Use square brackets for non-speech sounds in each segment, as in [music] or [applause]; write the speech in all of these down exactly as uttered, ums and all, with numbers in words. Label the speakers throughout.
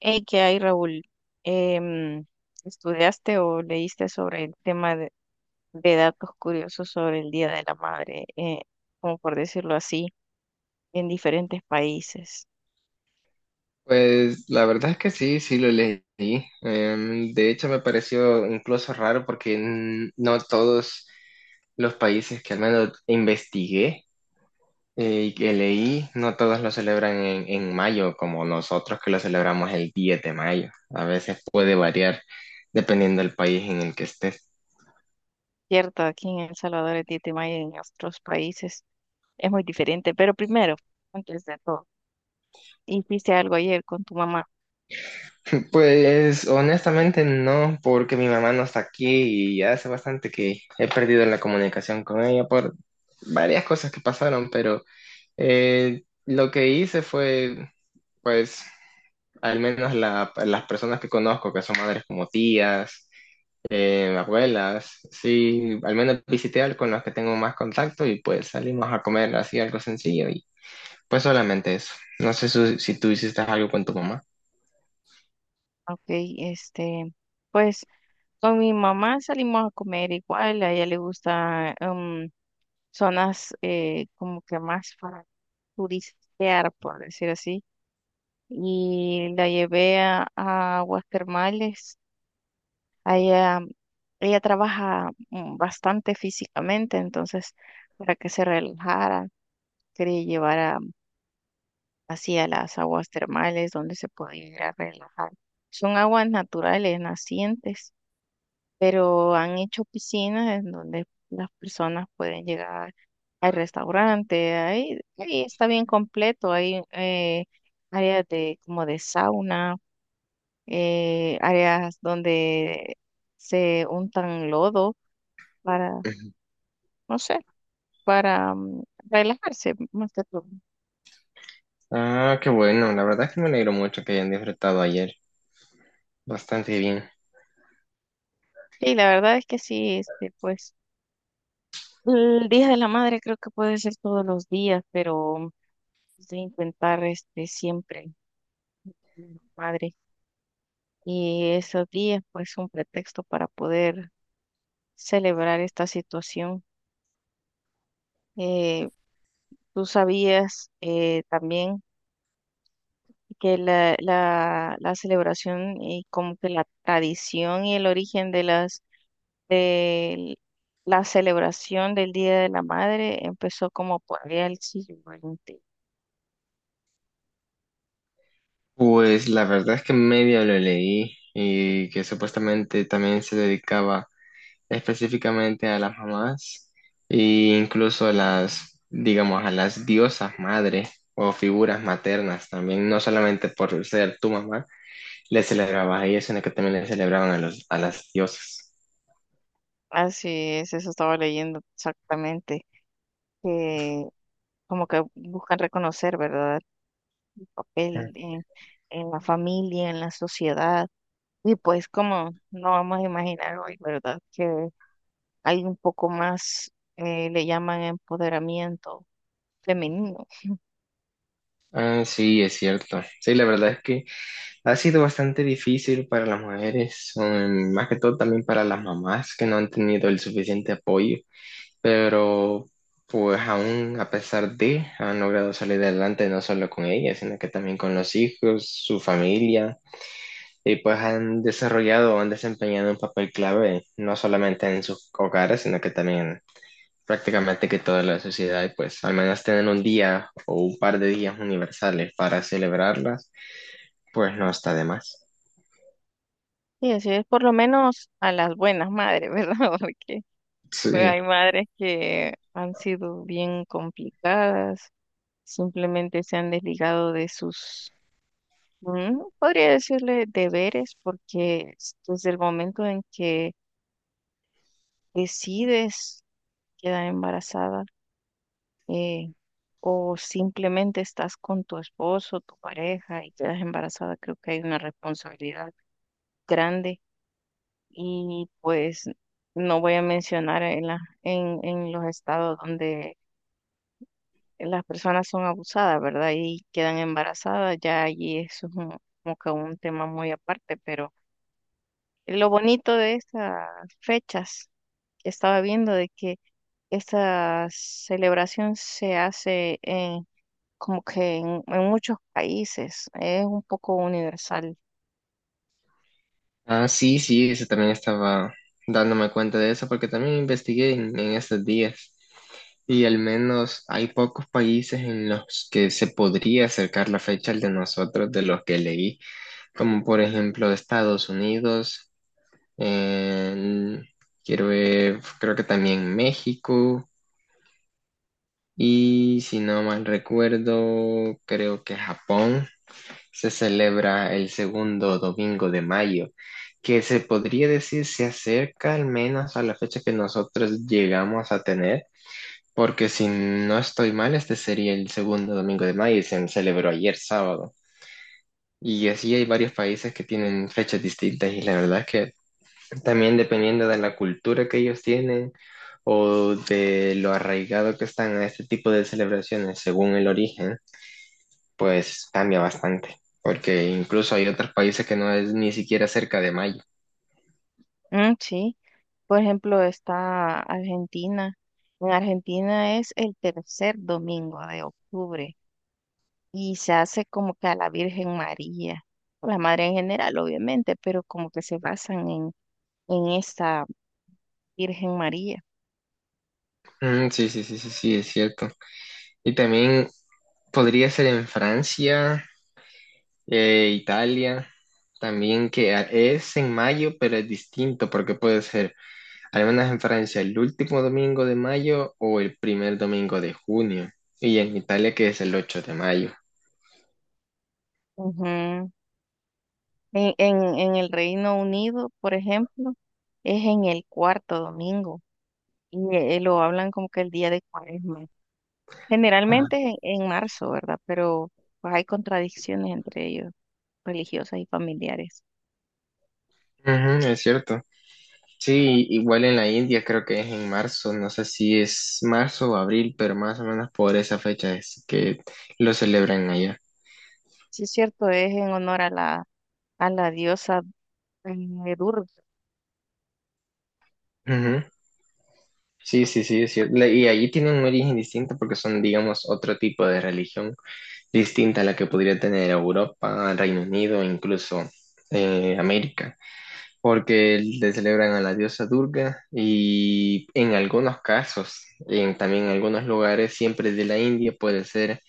Speaker 1: Hey, ¿qué hay, Raúl? Em, ¿estudiaste o leíste sobre el tema de, de datos curiosos sobre el Día de la Madre, eh, como por decirlo así, en diferentes países?
Speaker 2: Pues la verdad es que sí, sí lo leí. Em, de hecho, me pareció incluso raro porque mm, no todos los países que al menos investigué eh, y que leí, no todos lo celebran en, en mayo, como nosotros que lo celebramos el diez de mayo. A veces puede variar dependiendo del país en el que estés.
Speaker 1: Cierto, aquí en El Salvador el diez de mayo y en otros países es muy diferente, pero primero, antes de todo, ¿hiciste algo ayer con tu mamá?
Speaker 2: Pues honestamente no, porque mi mamá no está aquí y ya hace bastante que he perdido la comunicación con ella por varias cosas que pasaron, pero... Eh, lo que hice fue, pues, al menos la- las personas que conozco, que son madres como tías, eh, abuelas, sí, al menos visité al- con los que tengo más contacto y pues salimos a comer así algo sencillo y pues solamente eso. No sé su- si tú hiciste algo con tu mamá.
Speaker 1: ¿Ok? Este, pues con mi mamá salimos a comer igual, a ella le gusta em, zonas eh, como que más para turistear, por decir así. Y la llevé a, a aguas termales. Allá, ella trabaja mm, bastante físicamente, entonces para que se relajara, quería llevar a, así a las aguas termales donde se podía ir a relajar. Son aguas naturales, nacientes, pero han hecho piscinas en donde las personas pueden llegar al restaurante, ahí, ahí está bien completo, hay eh, áreas de como de sauna, eh, áreas donde se untan lodo para,
Speaker 2: Ujú.
Speaker 1: no sé, para mm, relajarse más que todo.
Speaker 2: Ah, qué bueno, la verdad es que me alegro mucho que hayan disfrutado ayer, bastante bien.
Speaker 1: Sí, la verdad es que sí, este, pues el Día de la Madre creo que puede ser todos los días, pero de intentar este siempre, Madre. Y esos días pues un pretexto para poder celebrar esta situación. Eh, ¿tú sabías eh, también que la, la, la celebración y como que la tradición y el origen de las de la celebración del Día de la Madre empezó como por allá el siglo veinte?
Speaker 2: Pues la verdad es que medio lo leí y que supuestamente también se dedicaba específicamente a las mamás e incluso a las, digamos, a las diosas madres o figuras maternas también, no solamente por ser tu mamá, le celebrabas a ellas, sino que también le celebraban a los, a las diosas.
Speaker 1: Así es, eso estaba leyendo exactamente, que como que buscan reconocer, ¿verdad?, el papel en en la familia, en la sociedad. Y pues como no vamos a imaginar hoy, ¿verdad? Que hay un poco más, eh, le llaman empoderamiento femenino.
Speaker 2: Ah, sí, es cierto. Sí, la verdad es que ha sido bastante difícil para las mujeres, um, más que todo también para las mamás que no han tenido el suficiente apoyo, pero pues aún a pesar de, han logrado salir adelante no solo con ella, sino que también con los hijos, su familia, y pues han desarrollado, han desempeñado un papel clave, no solamente en sus hogares, sino que también prácticamente que toda la sociedad, y pues al menos tener un día o un par de días universales para celebrarlas, pues no está de más.
Speaker 1: Y así es por lo menos a las buenas madres, ¿verdad? [laughs] Porque pues,
Speaker 2: Sí.
Speaker 1: hay madres que han sido bien complicadas, simplemente se han desligado de sus, mm, podría decirle, deberes, porque desde el momento en que decides quedar embarazada, eh, o simplemente estás con tu esposo, tu pareja y quedas embarazada, creo que hay una responsabilidad grande y pues no voy a mencionar en la, en, en los estados donde las personas son abusadas, ¿verdad? Y quedan embarazadas, ya allí eso es un- como que un tema muy aparte, pero lo bonito de estas fechas que estaba viendo de que esta celebración se hace como que en, en muchos países es un poco universal.
Speaker 2: Ah, sí, sí, eso también estaba dándome cuenta de eso porque también investigué en en estos días. Y al menos hay pocos países en los que se podría acercar la fecha al de nosotros, de los que leí, como por ejemplo Estados Unidos, en- quiero ver, creo que también México, y si no mal recuerdo, creo que Japón se celebra el segundo domingo de mayo, que se podría decir se acerca al menos a la fecha que nosotros llegamos a tener. Porque si no estoy mal, este sería el segundo domingo de mayo y se celebró ayer sábado. Y así hay varios países que tienen fechas distintas y la verdad es que también dependiendo de la cultura que ellos tienen o de lo arraigado que están a este tipo de celebraciones según el origen, pues cambia bastante. Porque incluso hay otros países que no es ni siquiera cerca de mayo.
Speaker 1: Mm, sí, por ejemplo, está Argentina. En Argentina es el tercer domingo de octubre y se hace como que a la Virgen María, a la Madre en general, obviamente, pero como que se basan en, en esta Virgen María.
Speaker 2: Mm, sí, sí, sí, sí, sí, es cierto. Y también podría ser en Francia. Eh, Italia también que a- es en mayo, pero es distinto porque puede ser, al menos en Francia, el último domingo de mayo o el primer domingo de junio. Y en Italia que es el ocho de mayo.
Speaker 1: Ujú. En, en, en el Reino Unido, por ejemplo, es en el cuarto domingo y eh, lo hablan como que el día de Cuaresma. Generalmente en, en marzo, ¿verdad? Pero pues, hay contradicciones entre ellos, religiosas y familiares.
Speaker 2: Ujú, es cierto. Sí, igual en la India creo que es en marzo, no sé si es marzo o abril, pero más o menos por esa fecha es que lo celebran allá.
Speaker 1: Sí, es cierto, es en honor a la, a la diosa eh, Durga.
Speaker 2: Ujú. Sí, sí, sí, es cierto. Le- Y allí tienen un origen distinto porque son, digamos, otro tipo de religión distinta a la que podría tener Europa, Reino Unido, e incluso eh, América, porque le celebran a la diosa Durga y en algunos casos, en, también en algunos lugares, siempre de la India, puede ser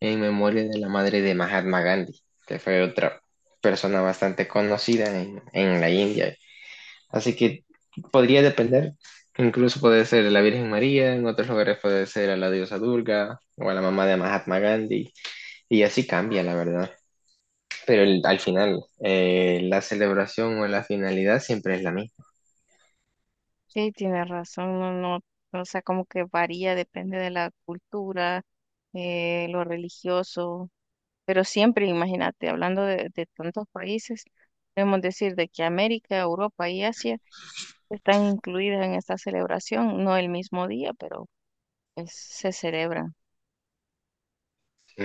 Speaker 2: en memoria de la madre de Mahatma Gandhi, que fue otra persona bastante conocida en, en la India. Así que podría depender. Incluso puede ser la Virgen María, en otros lugares puede ser a la diosa Durga o a la mamá de Mahatma Gandhi. Y así cambia, la verdad. Pero el- al final, eh, la celebración o la finalidad siempre es la misma.
Speaker 1: Sí, tiene razón, no, no, o sea, como que varía, depende de la cultura, eh, lo religioso, pero siempre, imagínate, hablando de, de tantos países, podemos decir de que América, Europa y Asia están incluidas en esta celebración, no el mismo día, pero pues, se celebra.
Speaker 2: Sí.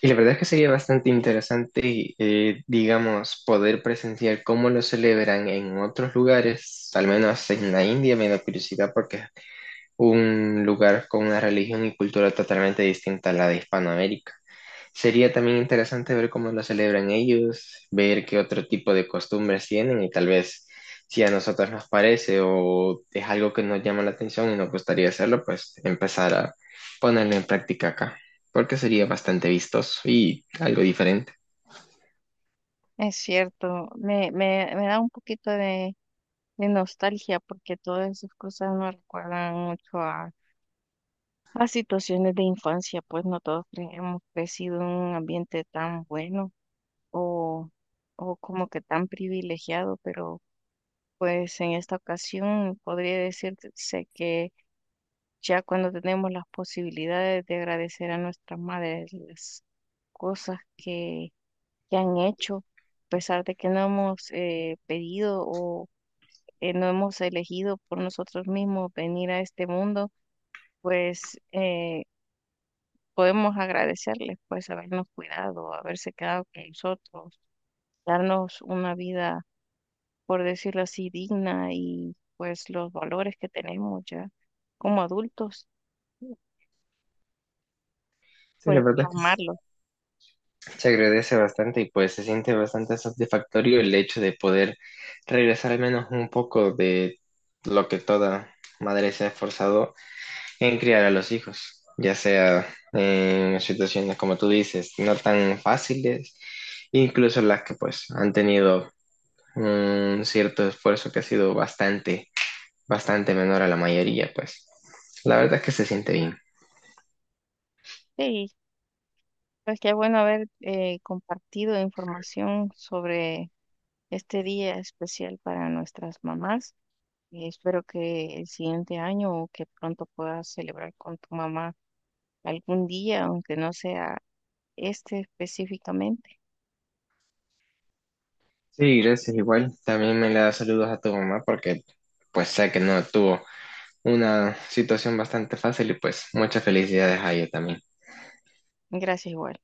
Speaker 2: Y la verdad es que sería bastante interesante, eh, digamos, poder presenciar cómo lo celebran en otros lugares, al menos en la India, me da curiosidad porque es un lugar con una religión y cultura totalmente distinta a la de Hispanoamérica. Sería también interesante ver cómo lo celebran ellos, ver qué otro tipo de costumbres tienen y tal vez si a nosotros nos parece o es algo que nos llama la atención y nos gustaría hacerlo, pues empezar a ponerlo en práctica acá, porque sería bastante vistoso y algo diferente.
Speaker 1: Es cierto, me, me, me da un poquito de, de nostalgia porque todas esas cosas me recuerdan mucho a, a situaciones de infancia, pues no todos cre- hemos crecido en un ambiente tan bueno o, o como que tan privilegiado, pero pues en esta ocasión podría decirse que ya cuando tenemos las posibilidades de agradecer a nuestras madres las cosas que, que han hecho, a pesar de que no hemos eh, pedido o eh, no hemos elegido por nosotros mismos venir a este mundo, pues eh, podemos agradecerles, pues habernos cuidado, haberse quedado con nosotros, darnos una vida, por decirlo así, digna y pues los valores que tenemos ya como adultos,
Speaker 2: Sí, la
Speaker 1: pues
Speaker 2: verdad es
Speaker 1: plasmarlos.
Speaker 2: que se agradece bastante y pues se siente bastante satisfactorio el hecho de poder regresar al menos un poco de lo que toda madre se ha esforzado en criar a los hijos, ya sea en situaciones como tú dices, no tan fáciles, incluso las que pues han tenido un cierto esfuerzo que ha sido bastante, bastante menor a la mayoría, pues la verdad es que se siente bien.
Speaker 1: Sí, pues qué bueno haber eh, compartido información sobre este día especial para nuestras mamás. Espero que el siguiente año o que pronto puedas celebrar con tu mamá algún día, aunque no sea este específicamente.
Speaker 2: Sí, gracias igual. También me le da saludos a tu mamá porque pues sé que no tuvo una situación bastante fácil y pues muchas felicidades a ella también.
Speaker 1: Gracias igual.